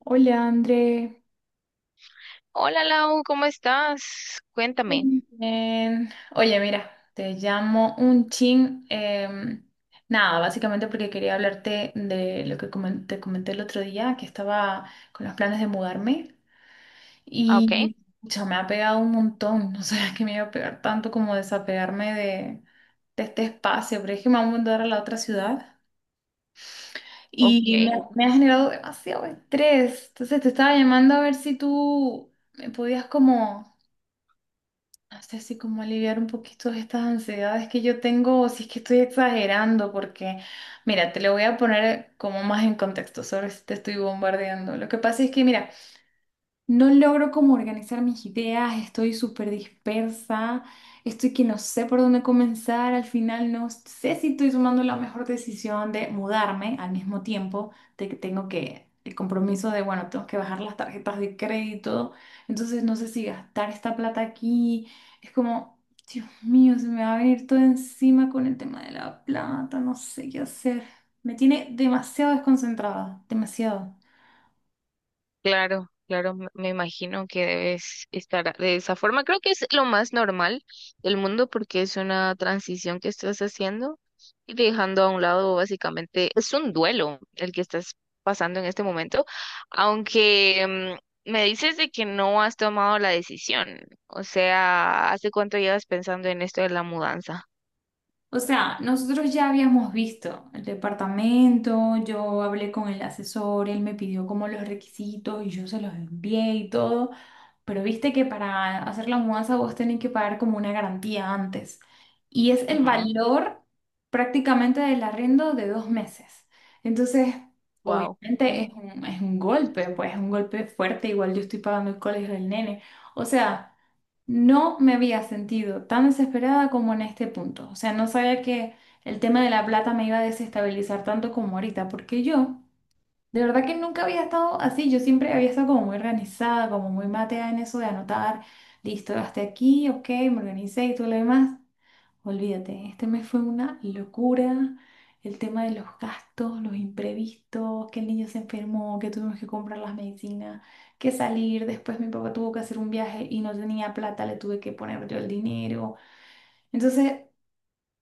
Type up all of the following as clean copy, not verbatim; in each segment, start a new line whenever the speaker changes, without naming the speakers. Hola, André.
Hola Lau, ¿cómo estás? Cuéntame.
Bien. Oye, mira, te llamo un chin. Nada, básicamente porque quería hablarte de lo que te comenté el otro día, que estaba con los planes de mudarme
Ah, Ok,
y pucha, me ha pegado un montón. No sabía que me iba a pegar tanto como desapegarme de este espacio, pero es que me voy a mudar a la otra ciudad y
ok,
me ha generado demasiado estrés. Entonces te estaba llamando a ver si tú me podías como... No sé, si como aliviar un poquito estas ansiedades que yo tengo, o si es que estoy exagerando, porque mira, te lo voy a poner como más en contexto, sobre si te estoy bombardeando. Lo que pasa es que, mira, no logro como organizar mis ideas, estoy súper dispersa, estoy que no sé por dónde comenzar, al final no sé si estoy tomando la mejor decisión de mudarme al mismo tiempo, de que tengo que, el compromiso de, bueno, tengo que bajar las tarjetas de crédito, entonces no sé si gastar esta plata aquí, es como, Dios mío, se me va a venir todo encima con el tema de la plata, no sé qué hacer, me tiene demasiado desconcentrada, demasiado.
claro, claro, me imagino que debes estar de esa forma. Creo que es lo más normal del mundo porque es una transición que estás haciendo y dejando a un lado básicamente, es un duelo el que estás pasando en este momento, aunque me dices de que no has tomado la decisión. O sea, ¿hace cuánto llevas pensando en esto de la mudanza?
O sea, nosotros ya habíamos visto el departamento, yo hablé con el asesor, él me pidió como los requisitos y yo se los envié y todo. Pero viste que para hacer la mudanza vos tenés que pagar como una garantía antes. Y es el
Ajá.
valor prácticamente del arriendo de dos meses. Entonces,
Wow.
obviamente es un golpe, pues es un golpe fuerte. Igual yo estoy pagando el colegio del nene. O sea, no me había sentido tan desesperada como en este punto. O sea, no sabía que el tema de la plata me iba a desestabilizar tanto como ahorita, porque yo... De verdad que nunca había estado así, yo siempre había estado como muy organizada, como muy mateada en eso de anotar, listo, gasté aquí, ok, me organicé y todo lo demás. Olvídate, este mes fue una locura, el tema de los gastos, los imprevistos, que el niño se enfermó, que tuvimos que comprar las medicinas, que salir, después mi papá tuvo que hacer un viaje y no tenía plata, le tuve que poner yo el dinero. Entonces,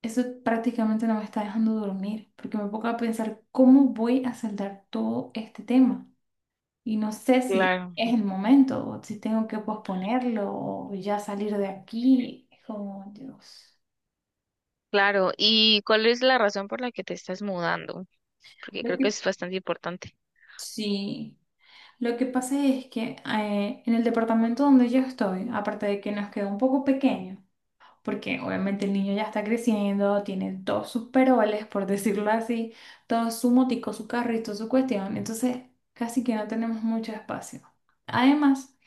eso prácticamente no me está dejando dormir, porque me pongo a pensar cómo voy a saldar todo este tema. Y no sé si
Claro.
es el momento o si tengo que posponerlo o ya salir de aquí. Es como, Dios.
Claro, ¿y cuál es la razón por la que te estás mudando? Porque
Lo
creo que
que,
es bastante importante.
sí, lo que pasa es que en el departamento donde yo estoy, aparte de que nos queda un poco pequeño, porque obviamente el niño ya está creciendo, tiene todos sus peroles, por decirlo así, todo su motico, su carrito, su cuestión. Entonces, casi que no tenemos mucho espacio. Además,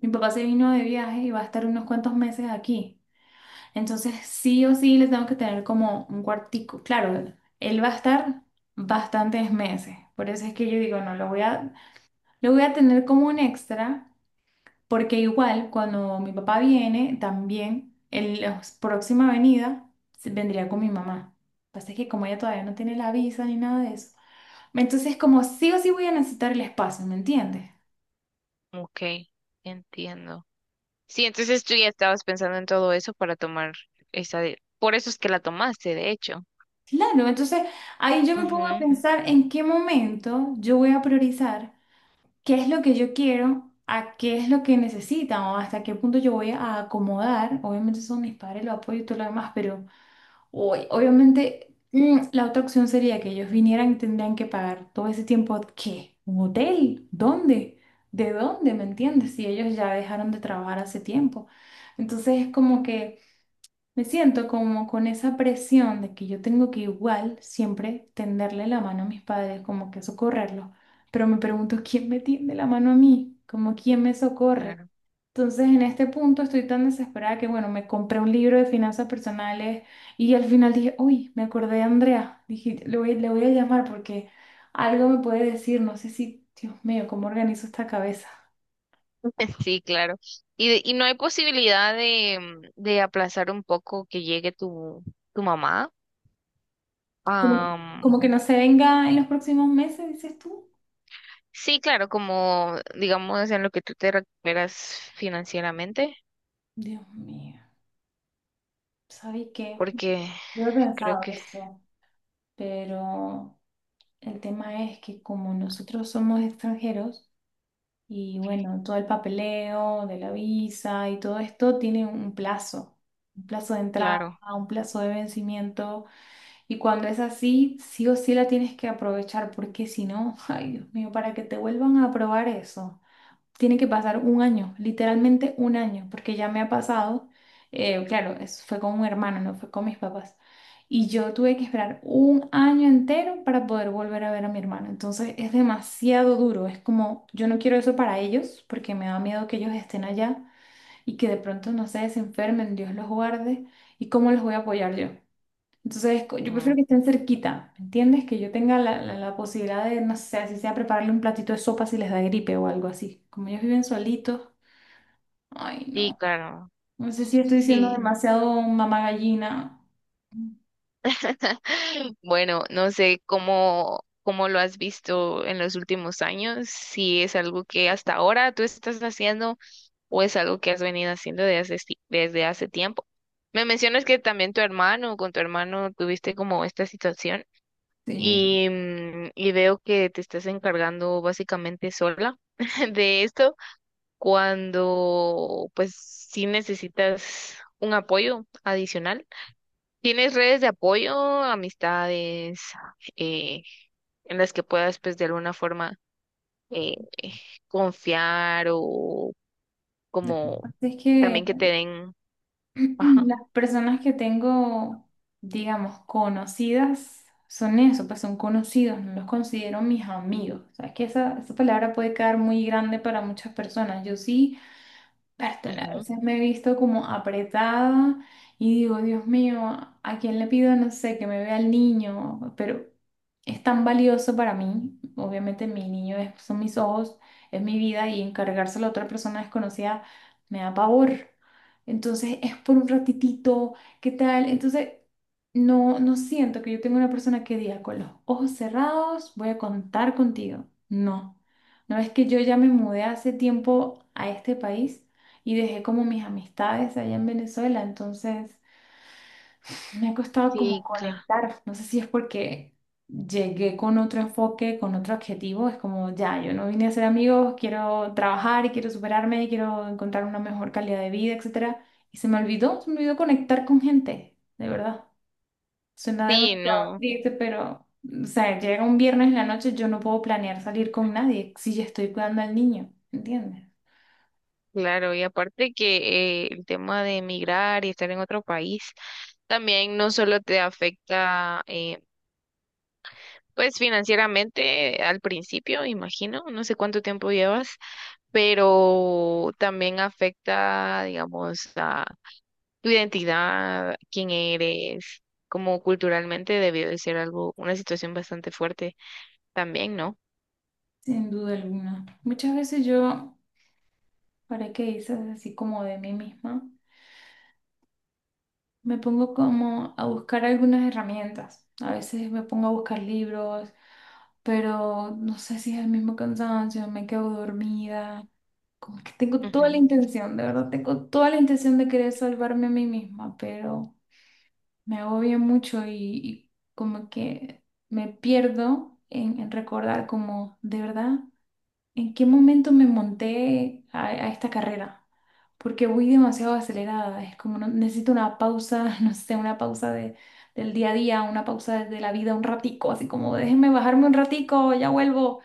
mi papá se vino de viaje y va a estar unos cuantos meses aquí. Entonces, sí o sí le tengo que tener como un cuartico. Claro, él va a estar bastantes meses. Por eso es que yo digo, no, lo voy a tener como un extra, porque igual cuando mi papá viene, también en la próxima venida vendría con mi mamá. Pasa es que como ella todavía no tiene la visa ni nada de eso. Entonces, como sí o sí voy a necesitar el espacio, ¿me entiendes?
Ok, entiendo. Sí, entonces tú ya estabas pensando en todo eso para tomar esa de... Por eso es que la tomaste, de hecho.
Claro, entonces ahí yo me pongo a
Ujú,
pensar en qué momento yo voy a priorizar, qué es lo que yo quiero, a qué es lo que necesitan o hasta qué punto yo voy a acomodar. Obviamente son mis padres, los apoyo y todo lo demás, pero hoy, obviamente la otra opción sería que ellos vinieran y tendrían que pagar todo ese tiempo, ¿qué? ¿Un hotel? ¿Dónde? ¿De dónde? ¿Me entiendes? Si ellos ya dejaron de trabajar hace tiempo. Entonces es como que... Me siento como con esa presión de que yo tengo que igual siempre tenderle la mano a mis padres, como que socorrerlos, pero me pregunto quién me tiende la mano a mí, como quién me socorre.
claro.
Entonces en este punto estoy tan desesperada que bueno, me compré un libro de finanzas personales y al final dije, uy, me acordé de Andrea, dije, le voy a llamar porque algo me puede decir, no sé si, Dios mío, cómo organizo esta cabeza.
Sí, claro. ¿Y, y no hay posibilidad de, de aplazar un poco que llegue tu, tu mamá?
Como,
Am,
como que no se venga en los próximos meses, dices tú.
sí, claro, como digamos en lo que tú te recuperas financieramente,
Dios mío, ¿sabes qué?
porque
Yo he
creo
pensado
que,
eso, pero el tema es que como nosotros somos extranjeros y bueno, todo el papeleo de la visa y todo esto tiene un plazo de entrada,
claro.
un plazo de vencimiento y cuando es así, sí o sí la tienes que aprovechar porque si no, ay Dios mío, para que te vuelvan a aprobar eso tiene que pasar un año, literalmente un año, porque ya me ha pasado, claro, eso fue con un hermano, no fue con mis papás. Y yo tuve que esperar un año entero para poder volver a ver a mi hermano. Entonces es demasiado duro. Es como, yo no quiero eso para ellos porque me da miedo que ellos estén allá y que de pronto, no sé, se enfermen, Dios los guarde. ¿Y cómo los voy a apoyar yo? Entonces, yo prefiero que estén cerquita, ¿me entiendes? Que yo tenga la posibilidad de, no sé, así sea prepararle un platito de sopa si les da gripe o algo así. Como ellos viven solitos. Ay,
Sí,
no.
claro.
No sé si estoy siendo
Sí.
demasiado mamá gallina.
Bueno, no sé cómo, cómo lo has visto en los últimos años, si es algo que hasta ahora tú estás haciendo o es algo que has venido haciendo desde hace, desde hace tiempo. Me mencionas que también tu hermano, con tu hermano tuviste como esta situación
Sí.
y, y veo que te estás encargando básicamente sola de esto cuando pues sí necesitas un apoyo adicional. ¿Tienes redes de apoyo, amistades, eh, en las que puedas, pues, de alguna forma eh, confiar o como
Es que
también que te den, ajá,
las personas que tengo, digamos, conocidas, son eso, pues son conocidos, no los considero mis amigos. O sea, es que esa palabra puede quedar muy grande para muchas personas. Yo sí. Bertale, a
ujú,
veces me he visto como apretada y digo, Dios mío, ¿a quién le pido, no sé, que me vea el niño? Pero es tan valioso para mí, obviamente mi niño son mis ojos, es mi vida y encargárselo a otra persona desconocida me da pavor. Entonces es por un ratitito, ¿qué tal? Entonces no, no siento que yo tenga una persona que diga con los ojos cerrados voy a contar contigo. No, no es que yo ya me mudé hace tiempo a este país y dejé como mis amistades allá en Venezuela, entonces me ha costado como
sí,
conectar, no sé si es porque llegué con otro enfoque, con otro objetivo, es como ya, yo no vine a ser amigos, quiero trabajar, quiero superarme, quiero encontrar una mejor calidad de vida, etcétera, y se me olvidó conectar con gente, de verdad. Suena
sí,
demasiado
no,
triste, pero o sea, llega un viernes en la noche, yo no puedo planear salir con nadie si ya estoy cuidando al niño, ¿entiendes?
claro, y aparte que el tema de emigrar y estar en otro país también no solo te afecta, pues, financieramente al principio, imagino, no sé cuánto tiempo llevas. Pero también afecta, digamos, a tu identidad, quién eres, como culturalmente debió de ser algo, una situación bastante fuerte también, ¿no?
Sin duda alguna. Muchas veces yo... Ahora que dices así como de mí misma, me pongo como a buscar algunas herramientas. A veces me pongo a buscar libros, pero no sé si es el mismo cansancio, me quedo dormida. Como que tengo toda la
Ujú,
intención, de verdad, tengo toda la intención de querer salvarme a mí misma, pero me agobia mucho y como que me pierdo en recordar como, de verdad, en qué momento me monté a esta carrera, porque voy demasiado acelerada, es como necesito una pausa, no sé, una pausa de, del día a día, una pausa de la vida un ratico, así como déjenme bajarme un ratico, ya vuelvo.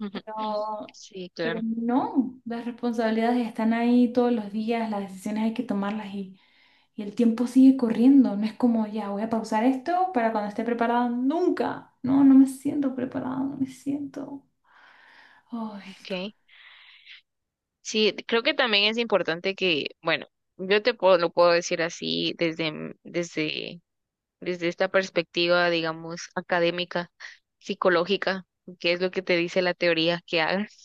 ujú.
Pero,
Sí,
pero
claro.
no, las responsabilidades están ahí todos los días, las decisiones hay que tomarlas y el tiempo sigue corriendo, no es como ya voy a pausar esto para cuando esté preparada, nunca, no, no me siento preparada, no me siento... Ay.
Okay. Sí, creo que también es importante que, bueno, yo te puedo, lo puedo decir así desde, desde, desde esta perspectiva, digamos, académica, psicológica, que es lo que te dice la teoría que hagas.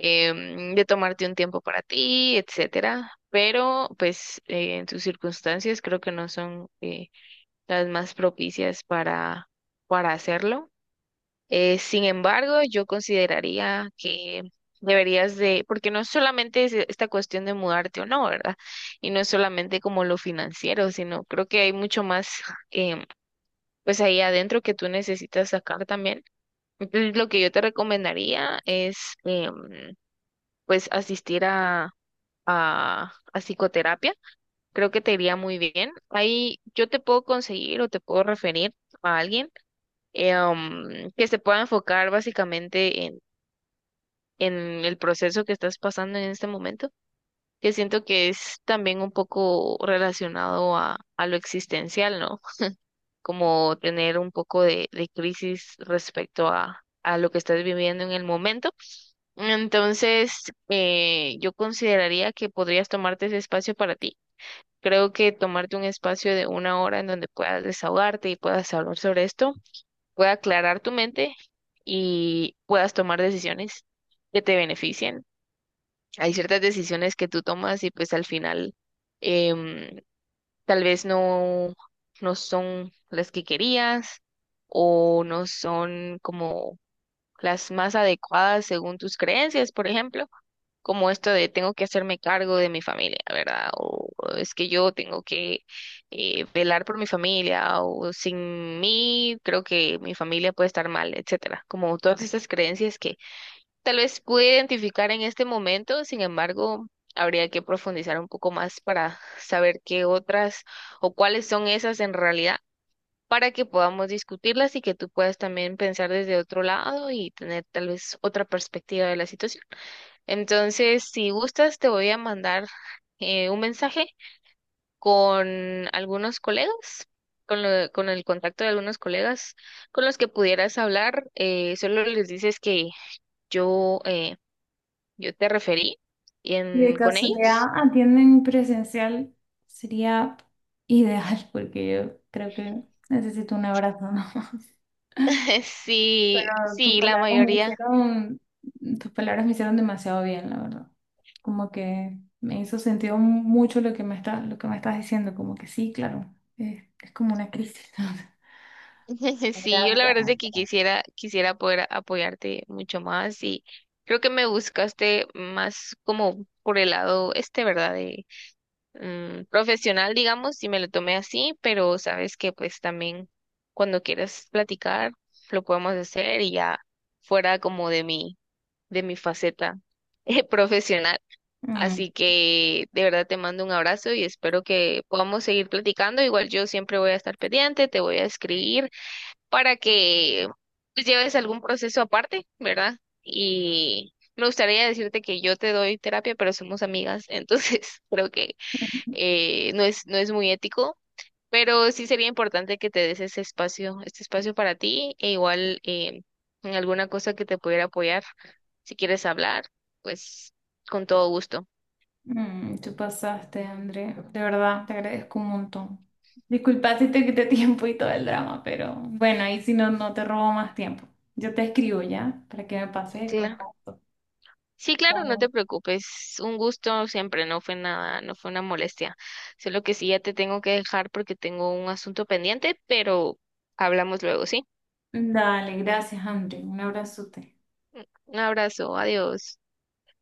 De tomarte un tiempo para ti, etcétera. Pero, pues, en tus circunstancias creo que no son las más propicias para hacerlo. Sin embargo, yo consideraría que deberías de, porque no solamente es esta cuestión de mudarte o no, ¿verdad? Y no es solamente como lo financiero, sino creo que hay mucho más, em, pues, ahí adentro que tú necesitas sacar también. Entonces, lo que yo te recomendaría es em, pues asistir a psicoterapia. Creo que te iría muy bien. Ahí yo te puedo conseguir o te puedo referir a alguien que se pueda enfocar básicamente en el proceso que estás pasando en este momento, que siento que es también un poco relacionado a lo existencial, ¿no? Como tener un poco de crisis respecto a lo que estás viviendo en el momento. Entonces, yo consideraría que podrías tomarte ese espacio para ti. Creo que tomarte un espacio de una hora en donde puedas desahogarte y puedas hablar sobre esto, pueda aclarar tu mente y puedas tomar decisiones que te beneficien. Hay ciertas decisiones que tú tomas y pues al final em, tal vez no, no son las que querías o no son como las más adecuadas según tus creencias, por ejemplo como esto de tengo que hacerme cargo de mi familia, ¿verdad? O es que yo tengo que velar por mi familia, o sin mí creo que mi familia puede estar mal, etcétera. Como todas estas creencias que tal vez pude identificar en este momento, sin embargo, habría que profundizar un poco más para saber qué otras o cuáles son esas en realidad, para que podamos discutirlas y que tú puedas también pensar desde otro lado y tener tal vez otra perspectiva de la situación. Entonces, si gustas, te voy a mandar un mensaje con algunos colegas, con el contacto de algunos colegas con los que pudieras hablar. Solo les dices que yo, eh, yo te referí
Si de
con ellos.
casualidad atienden presencial, sería ideal porque yo creo que necesito un abrazo, ¿no?
Sí,
Pero
sí, la mayoría.
tus palabras me hicieron demasiado bien, la verdad. Como que me hizo sentido mucho lo que me estás diciendo, como que sí, claro, es como una crisis.
Sí, yo la
Gracias.
verdad es de que quisiera poder apoyarte mucho más y creo que me buscaste más como por el lado este, ¿verdad? Profesional, digamos, y me lo tomé así, pero sabes que pues también cuando quieras platicar lo podemos hacer y ya fuera como de mi faceta profesional.
Mm.
Así que de verdad te mando un abrazo y espero que podamos seguir platicando. Igual yo siempre voy a estar pendiente, te voy a escribir para que pues, lleves algún proceso aparte, ¿verdad? Y me gustaría decirte que yo te doy terapia, pero somos amigas, entonces creo que no es, no es muy ético, pero sí sería importante que te des ese espacio, este espacio para ti, e igual en alguna cosa que te pudiera apoyar, si quieres hablar, pues con todo gusto.
Mm, tú pasaste, André. De verdad, te agradezco un montón. Disculpa si te quité tiempo y todo el drama, pero bueno, ahí si no, no te robo más tiempo. Yo te escribo ya para que me pases el
Claro.
contacto.
Sí, claro, no te
Dale.
preocupes, un gusto siempre, no fue nada, no fue una molestia. Solo que sí ya te tengo que dejar porque tengo un asunto pendiente, pero hablamos luego, ¿sí?
Dale, gracias, André. Un abrazote.
Un abrazo, adiós.